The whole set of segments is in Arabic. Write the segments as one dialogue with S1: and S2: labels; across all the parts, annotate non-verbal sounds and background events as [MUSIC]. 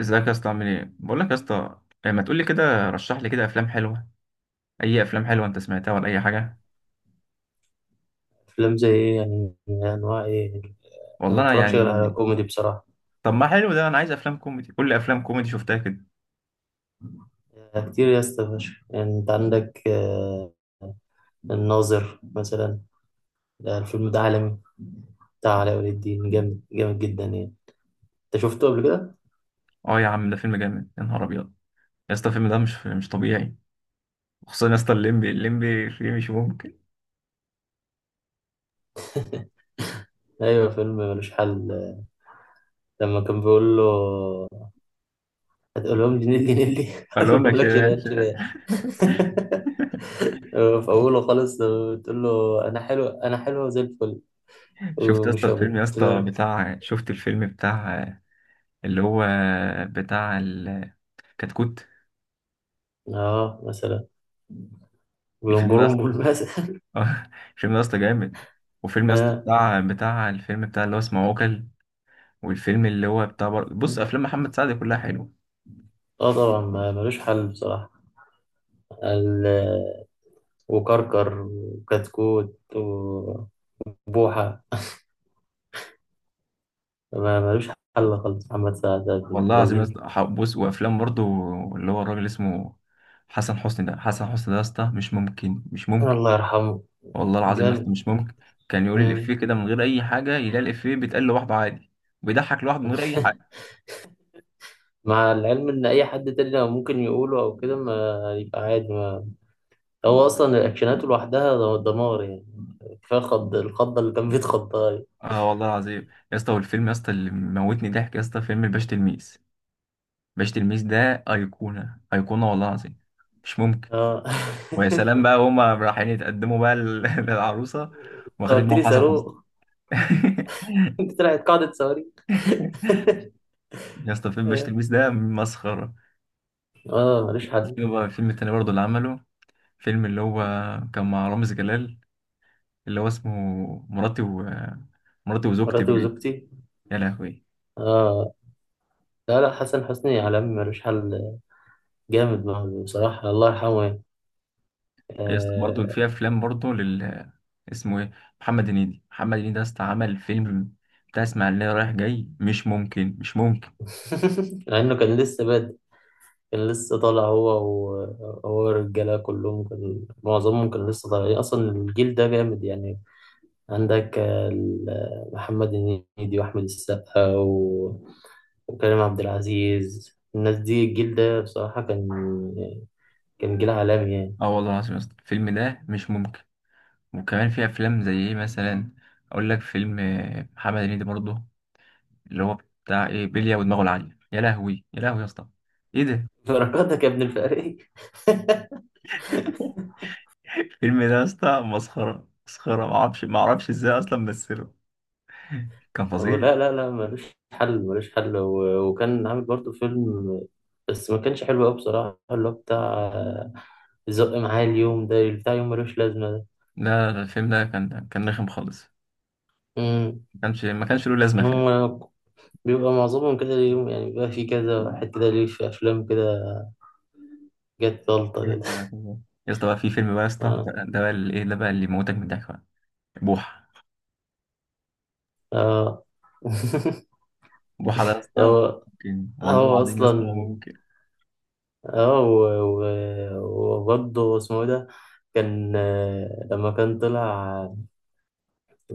S1: ازيك يا اسطى، عامل ايه؟ بقول لك يا اسطى ما تقول لي كده، رشح لي كده افلام حلوه. اي افلام حلوه انت سمعتها ولا اي حاجه؟
S2: أفلام زي إيه يعني أنواع إيه أنا ما
S1: والله انا
S2: بتفرجش غير على
S1: يعني
S2: كوميدي بصراحة.
S1: طب ما حلو ده، انا عايز افلام كوميدي، كل افلام كوميدي شفتها كده.
S2: يعني كتير يا اسطى فشخ يعني أنت عندك الناظر مثلا، ده الفيلم ده عالمي، بتاع علاء ولي الدين، جامد جامد جدا يعني. أنت شفته قبل كده؟
S1: اه يا عم ده فيلم جامد، يا نهار ابيض. يا اسطى الفيلم ده مش طبيعي. خصوصا يا اسطى الليمبي فيه مش ممكن.
S2: أيوه فيلم ملوش حل. لما كان بيقول له هتقول لهم جنيه جنيه لي هقول [LAUGHS]
S1: اقول لك
S2: لهم
S1: شيء
S2: لك
S1: يعني
S2: شريان
S1: شيء.
S2: شريان. [LAUGHS] في أوله خالص لما بتقول له أنا حلوة زي الفل
S1: شفت يا اسطى
S2: ومش
S1: الفيلم
S2: هموت
S1: يا
S2: قلت
S1: اسطى
S2: له،
S1: بتاع، شفت الفيلم بتاع اللي هو بتاع الكتكوت؟
S2: آه مثلا
S1: الفيلم ده يا
S2: بينبرون بالمثل.
S1: [LAUGHS] اه، فيلم يا اسطى جامد. وفيلم يا اسطى
S2: [LAUGHS]
S1: بتاع الفيلم بتاع اللي هو اسمه عوكل. والفيلم اللي هو بتاع بص، افلام محمد سعد كلها حلوه.
S2: اه طبعا ملوش حل بصراحة. ال- وكركر وكتكوت وبوحة ملوش حل خالص، محمد سعد ده ابن
S1: والله العظيم يا
S2: الذين،
S1: اسطى، بص، وافلام برضو اللي هو الراجل اسمه حسن حسني. ده حسن حسني ده يا اسطى مش ممكن.
S2: الله يرحمه،
S1: والله العظيم يا اسطى
S2: جامد.
S1: مش ممكن. كان يقول الافيه
S2: مم.
S1: كده من غير اي حاجه، يلاقي الافيه بيتقال لوحده عادي. بيضحك لوحده من غير اي حاجه.
S2: [LAUGHS] مع العلم ان اي حد تاني لو ممكن يقوله او كده ما يبقى عادي. ما هو اصلا الاكشنات لوحدها دمار يعني، كفايه خض الخضه اللي كان بيتخضها دي.
S1: اه والله العظيم يا اسطى، والفيلم يا اسطى اللي موتني ضحك يا اسطى فيلم الباشا تلميذ. الباشا تلميذ ده ايقونه والله العظيم، مش ممكن.
S2: اه. [LAUGHS]
S1: ويا سلام بقى هما رايحين يتقدموا بقى [LAUGHS] للعروسه،
S2: انت
S1: واخدين
S2: قلت
S1: معاهم
S2: لي
S1: حسن حسني.
S2: صاروخ. [LAUGHS]
S1: [LAUGHS]
S2: انت طلعت قاعده صواريخ. [LAUGHS]
S1: يا اسطى فيلم باشا تلميذ ده مسخره.
S2: اه ماليش حد.
S1: في بقى الفيلم التاني برضه اللي عمله، فيلم اللي هو كان مع رامز جلال، اللي هو اسمه مراتي و مراتي وزوجتي
S2: مراتي
S1: بقى.
S2: وزوجتي.
S1: يا لهوي.
S2: اه لا لا، حسن حسني عالمي ملوش حل، جامد معاه بصراحة، الله يرحمه يعني،
S1: يا اسطى برضه
S2: آه.
S1: في افلام برضه لل اسمه ايه، محمد هنيدي يا اسطى، عمل فيلم بتاع اسماعيليه رايح جاي، مش ممكن.
S2: [LAUGHS] مع انه كان لسه بادئ، كان لسه طالع هو، وهو الرجالة كلهم كان معظمهم كان لسه طالعين يعني، اصلا الجيل ده جامد يعني. عندك محمد هنيدي واحمد السقا وكريم عبد العزيز، الناس دي الجيل ده بصراحة كان جيل عالمي يعني.
S1: اه والله العظيم يا اسطى الفيلم ده مش ممكن. وكمان في افلام زي ايه مثلا، اقول لك فيلم محمد هنيدي برضه، اللي هو بتاع ايه، بلية ودماغه العالية. يا لهوي يا لهوي يا اسطى، ايه ده؟
S2: [LAUGHS] بركاتك يا ابن الفقري.
S1: [LAUGHS] الفيلم ده يا اسطى مسخرة، معرفش ازاي اصلا مثله، كان
S2: هو
S1: فظيع.
S2: لا لا لا ملوش حل ملوش حل وكان عامل برضه فيلم بس ما كانش حلو قوي بصراحة، اللي هو بتاع زق معايا اليوم ده، بتاع يوم ملوش لازمة ده.
S1: لا لا، الفيلم ده كان رخم خالص،
S2: مم.
S1: ما كانش له لازمة فعلا.
S2: هم بيبقى معظمهم كده اليوم، يعني بيبقى في كذا واحد كده، ليه في أفلام كده جت غلطة
S1: بقول
S2: كده.
S1: لك، يا اسطى بقى في فيلم بقى يا
S2: [LAUGHS]
S1: اسطى،
S2: اه
S1: ده بقى اللي ايه، ده بقى اللي يموتك من الضحك بقى، بوحة.
S2: اه. [LAUGHS]
S1: بوحة ده يا اسطى
S2: هو
S1: ممكن، والله
S2: هو
S1: العظيم يا اسطى
S2: أصلا
S1: ممكن.
S2: اه وبرضه اسمه إيه ده. كان لما كان طلع،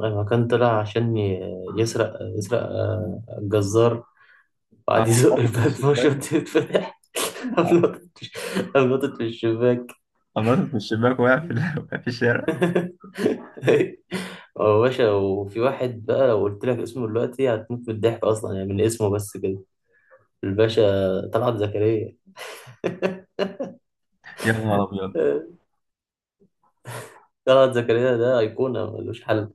S2: أيوة كان طلع عشان يسرق الجزار،
S1: انا
S2: وقعد يزق
S1: بنطط من
S2: الباب. [LAUGHS] فشرة
S1: الشباك،
S2: تتفتح، قام نطت قام نطت في الشباك.
S1: نطت من الشباك، وقع [LAUGHS] في الشارع.
S2: [LAUGHS] هو باشا، وفي واحد بقى لو قلت لك اسمه دلوقتي هتموت من الضحك أصلا، يعني من اسمه بس كده، الباشا طلعت زكريا.
S1: يا نهار ابيض.
S2: [LAUGHS] طلعت زكريا ده أيقونة ملوش حل.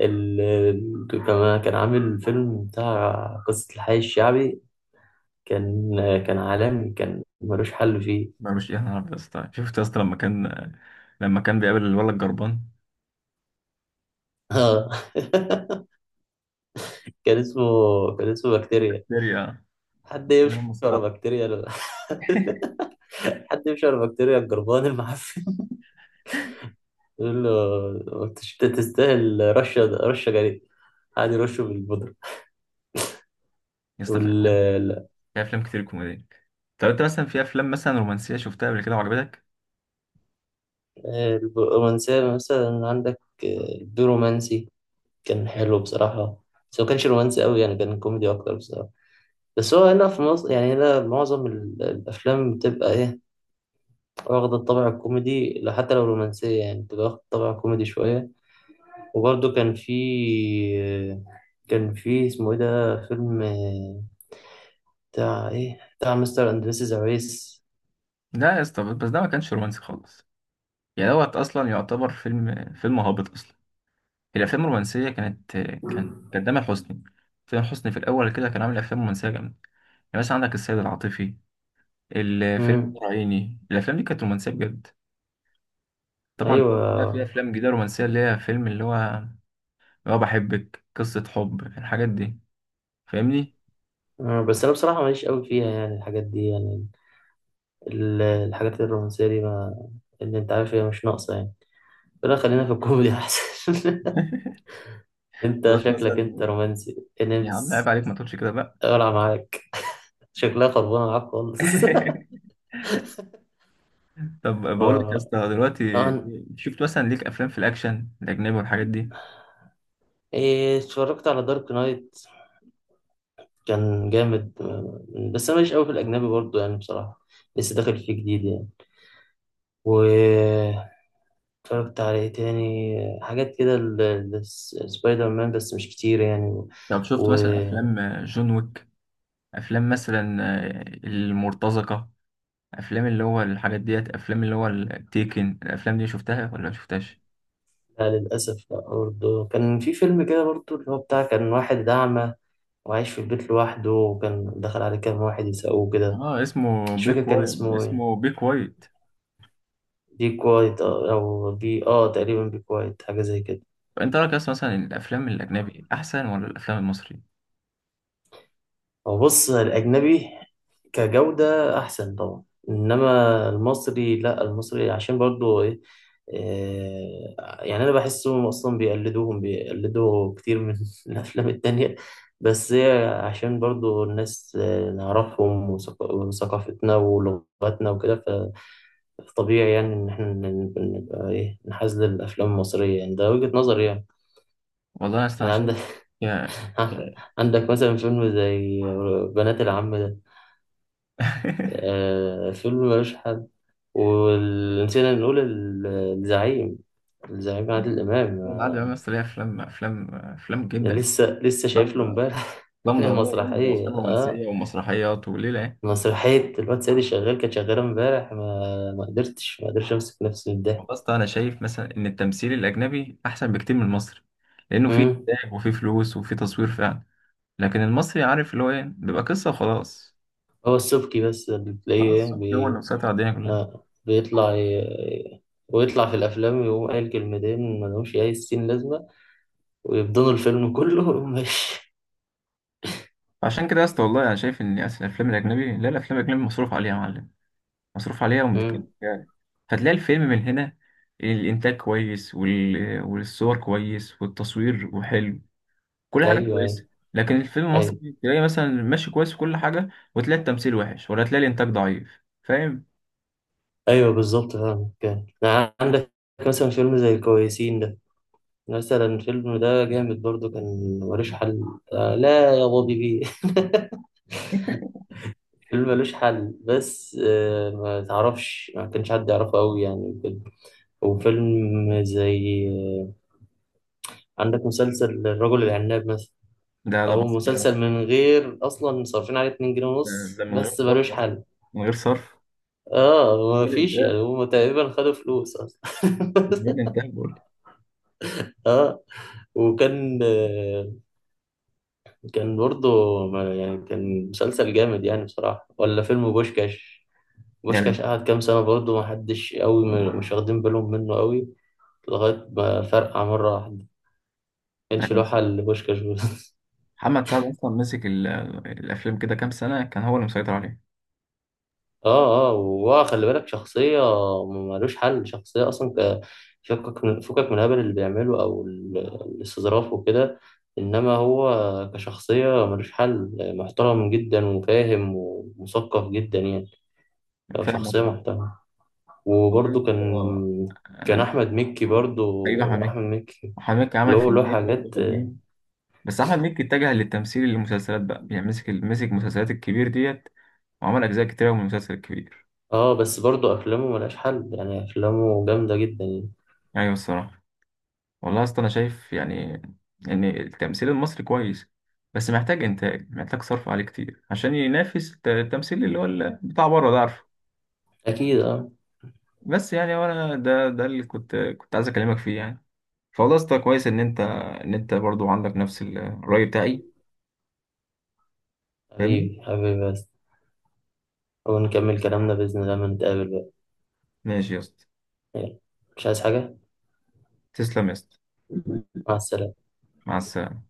S2: كمان كان عامل فيلم بتاع قصة الحي الشعبي، كان كان عالمي، كان ملوش حل فيه.
S1: ما مش يا نهار ابيض يا اسطى، شفت يا اسطى لما كان، لما كان بيقابل الولد الجربان،
S2: اه. [LAUGHS] كان اسمه كان اسمه بكتيريا.
S1: هيستيريا.
S2: حد
S1: يا
S2: يمشي ورا
S1: مسخرة.
S2: بكتيريا [LAUGHS] حد يمشي ورا بكتيريا الجربان المعفن. [LAUGHS] يقول له أنت تستاهل رشه رشه جريء، قاعد يرشه بالبودره.
S1: يا اسطى في
S2: وال
S1: افلام،
S2: ال-
S1: في افلام كتير كوميديه. طب انت مثلا في افلام مثلا رومانسيه شفتها قبل كده وعجبتك؟
S2: الرومانسية مثلا عندك البيرومانسي كان حلو بصراحة، بس هو كانش رومانسي قوي يعني، كان كوميدي أكتر بصراحة. بس هو هنا في مصر يعني، هنا معظم الأفلام بتبقى إيه، واخدة الطابع الكوميدي، لا حتى لو رومانسية يعني بتبقى واخدة الطابع الكوميدي شوية. وبرضه كان في اسمه ايه ده فيلم، بتاع ايه، بتاع مستر اند مسز أويس.
S1: لا يا اسطى، بس ده ما كانش رومانسي خالص، يعني دوت اصلا يعتبر فيلم هابط اصلا. الافلام الرومانسيه كانت، كان تامر حسني. تامر حسني في الاول كده كان عامل افلام رومانسيه جامده، يعني مثلا عندك السيد العاطفي، الفيلم
S2: امم
S1: العيني، الافلام دي كانت رومانسيه بجد. طبعا.
S2: ايوه.
S1: بقى في افلام جديده رومانسيه اللي هي فيلم اللي هو، اللي هو بحبك، قصه حب، الحاجات دي، فاهمني؟
S2: مم. بس انا بصراحه ماليش قوي فيها يعني الحاجات دي يعني، الحاجات الرومانسيه دي، ما اللي انت عارف هي مش ناقصه يعني، لا خلينا في الكوميدي احسن. [LAUGHS]
S1: [LAUGHS]
S2: انت
S1: بس
S2: شكلك انت
S1: مثلا،
S2: رومانسي
S1: يا عم عيب
S2: نمس.
S1: عليك ما تقولش كده بقى.
S2: اقلع معاك، شكلها خربانه معاك خالص. [LAUGHS]
S1: [LAUGHS] طب بقول لك يا
S2: آه،
S1: اسطى دلوقتي،
S2: أنا-
S1: شفت مثلا ليك افلام في الاكشن الاجنبي والحاجات دي؟
S2: اتفرجت على دارك نايت، كان جامد بس انا ماليش قوي في الاجنبي برضو يعني بصراحه، لسه داخل فيه جديد يعني. و اتفرجت على ايه تاني حاجات كده، سبايدر مان، بس مش كتير يعني
S1: طب شفت مثلا
S2: و...
S1: افلام جون ويك، افلام مثلا المرتزقه، افلام اللي هو الحاجات ديت، افلام اللي هو التيكن، الافلام دي شفتها ولا ما شفتهاش؟
S2: لا للاسف، لا برضو كان في فيلم كده برضو اللي هو بتاع كان واحد اعمى وعايش في البيت لوحده، وكان دخل عليه كام واحد يسقوه كده،
S1: اه اسمه
S2: مش فاكر
S1: بيك
S2: كان
S1: وايت،
S2: اسمه ايه،
S1: اسمه بيك وايت.
S2: بي كوايت او بي تقريبا بي كوايت حاجه زي كده.
S1: انت رايك اصلا مثلا الافلام الاجنبي احسن ولا الافلام المصري؟
S2: هو بص، الأجنبي كجودة أحسن طبعا، إنما المصري لأ، المصري عشان برضو إيه، يعني أنا بحسهم أصلا بيقلدوهم، كتير من [LAUGHS] الأفلام التانية، بس هي عشان برضو الناس نعرفهم، وثقافتنا ولغتنا وكده، فطبيعي يعني إن إحنا نبقى إيه، نحاز للأفلام المصرية يعني، ده وجهة نظري يعني.
S1: والله يا اسطى انا اصلا
S2: يعني
S1: شايف،
S2: عندك.
S1: يا
S2: [LAUGHS] عندك مثلا فيلم زي بنات العم ده، آه فيلم ملوش حل. ونسينا نقول الزعيم، الزعيم
S1: [LAUGHS]
S2: عادل إمام
S1: العادة بقى مثلا ليها افلام
S2: ده
S1: جدا يعني.
S2: لسه لسه
S1: افلام،
S2: شايف له امبارح. [LAUGHS]
S1: افلام دراميه جامده،
S2: مسرحية
S1: وافلام
S2: اه
S1: رومانسيه ومسرحيات وليله يعني.
S2: مسرحية الواد سيدي شغال كانت شغالة امبارح، ما قدرتش امسك نفسي من
S1: والله
S2: الضحك.
S1: يا اسطى انا شايف مثلا ان التمثيل الاجنبي احسن بكتير من المصري، لانه فيه
S2: مم.
S1: انتاج وفيه فلوس وفيه تصوير فعلا. لكن المصري عارف اللي هو ايه، بيبقى قصه وخلاص.
S2: هو السبكي بس اللي تلاقيه
S1: خلاص، هو اللي مسيطر على الدنيا كلها.
S2: بيطلع ويطلع في الأفلام ويقوم قايل كلمتين ملهمش أي ستين لازمة، ويبدنوا الفيلم كله ويقوم ماشي.
S1: فعشان كده يا اسطى والله انا شايف ان اصل الافلام الاجنبي، لا الافلام الاجنبي مصروف عليها يا معلم، مصروف عليها ومتكلف
S2: مم.
S1: يعني. فتلاقي الفيلم من هنا الإنتاج كويس، والصور كويس والتصوير وحلو، كل حاجة
S2: أيوه
S1: كويسة.
S2: أيوه
S1: لكن الفيلم
S2: أيوه.
S1: المصري تلاقي مثلا ماشي كويس في كل حاجة، وتلاقي التمثيل وحش، ولا تلاقي الإنتاج ضعيف، فاهم؟
S2: ايوه بالظبط فاهم، كان يعني عندك مثلا فيلم زي الكويسين ده، مثلا الفيلم ده جامد برضو، كان ملوش حل. آه لا يا بابي بيه. [LAUGHS] فيلم ملوش حل، بس ما تعرفش ما كانش حد يعرفه قوي يعني كده. وفيلم زي عندك مسلسل الرجل العناب مثلا.
S1: ده
S2: اهو
S1: مسخرة،
S2: مسلسل من غير اصلا صارفين عليه 2 جنيه
S1: ده
S2: ونص،
S1: ده من غير
S2: بس
S1: صرف
S2: ملوش
S1: أصلا،
S2: حل.
S1: من غير صرف، من
S2: اه ما
S1: غير
S2: فيش
S1: إنتاج،
S2: يعني، هم تقريبا خدوا فلوس اصلا. [LAUGHS]
S1: من غير إنتاج بقول لك.
S2: اه وكان كان برضه يعني كان مسلسل جامد يعني بصراحة، ولا فيلم بوشكاش.
S1: يعني
S2: بوشكاش قعد كام سنة برضه محدش قوي مش واخدين بالهم منه قوي، لغاية ما فرقع مرة واحدة، كانش
S1: أنا
S2: له
S1: نسيت.
S2: حل لبوشكاش بس. [LAUGHS]
S1: محمد سعد أصلا مسك الأفلام كده كام سنة، كان هو اللي مسيطر عليها،
S2: اه اه، وهو خلي بالك شخصية ملوش حل، شخصية أصلا فكك من الهبل اللي بيعمله أو الاستظراف وكده، إنما هو كشخصية ملوش حل، محترم جدا وفاهم ومثقف جدا يعني، هو
S1: فاهم
S2: شخصية
S1: طبعا.
S2: محترمة.
S1: والله يا
S2: وبرضه
S1: اسطى،
S2: كان
S1: أنا
S2: كان
S1: مش-
S2: احمد مكي
S1: حبيبي أحمد
S2: برضه،
S1: مكي.
S2: احمد مكي
S1: أحمد مكي
S2: اللي
S1: عمل
S2: هو له
S1: فيلمين برضه
S2: حاجات
S1: حلوين، بس أحمد مكي اتجه للتمثيل للمسلسلات بقى يعني، مسك المسلسلات الكبير ديت، وعمل أجزاء كتيرة من المسلسل الكبير.
S2: اه، بس برضه افلامه ملهاش حل يعني، افلامه جامده جدا يعني.
S1: أيوة الصراحة. والله يا اسطى أنا شايف يعني إن التمثيل المصري كويس، بس محتاج إنتاج، محتاج صرف عليه كتير عشان ينافس التمثيل اللي هو بتاع بره ده، عارفه.
S2: اكيد اه.
S1: بس يعني وأنا ده اللي كنت عايز أكلمك فيه يعني. فوالله يا اسطى كويس إن أنت برضه عندك نفس الرأي بتاعي، فاهمني؟
S2: حبيبي حبيبي بس، ونكمل كلامنا باذن الله لما نتقابل بقى.
S1: ماشي يا اسطى،
S2: يلا. مش عايز حاجه.
S1: تسلم يا اسطى،
S2: مع السلامه.
S1: مع السلامة.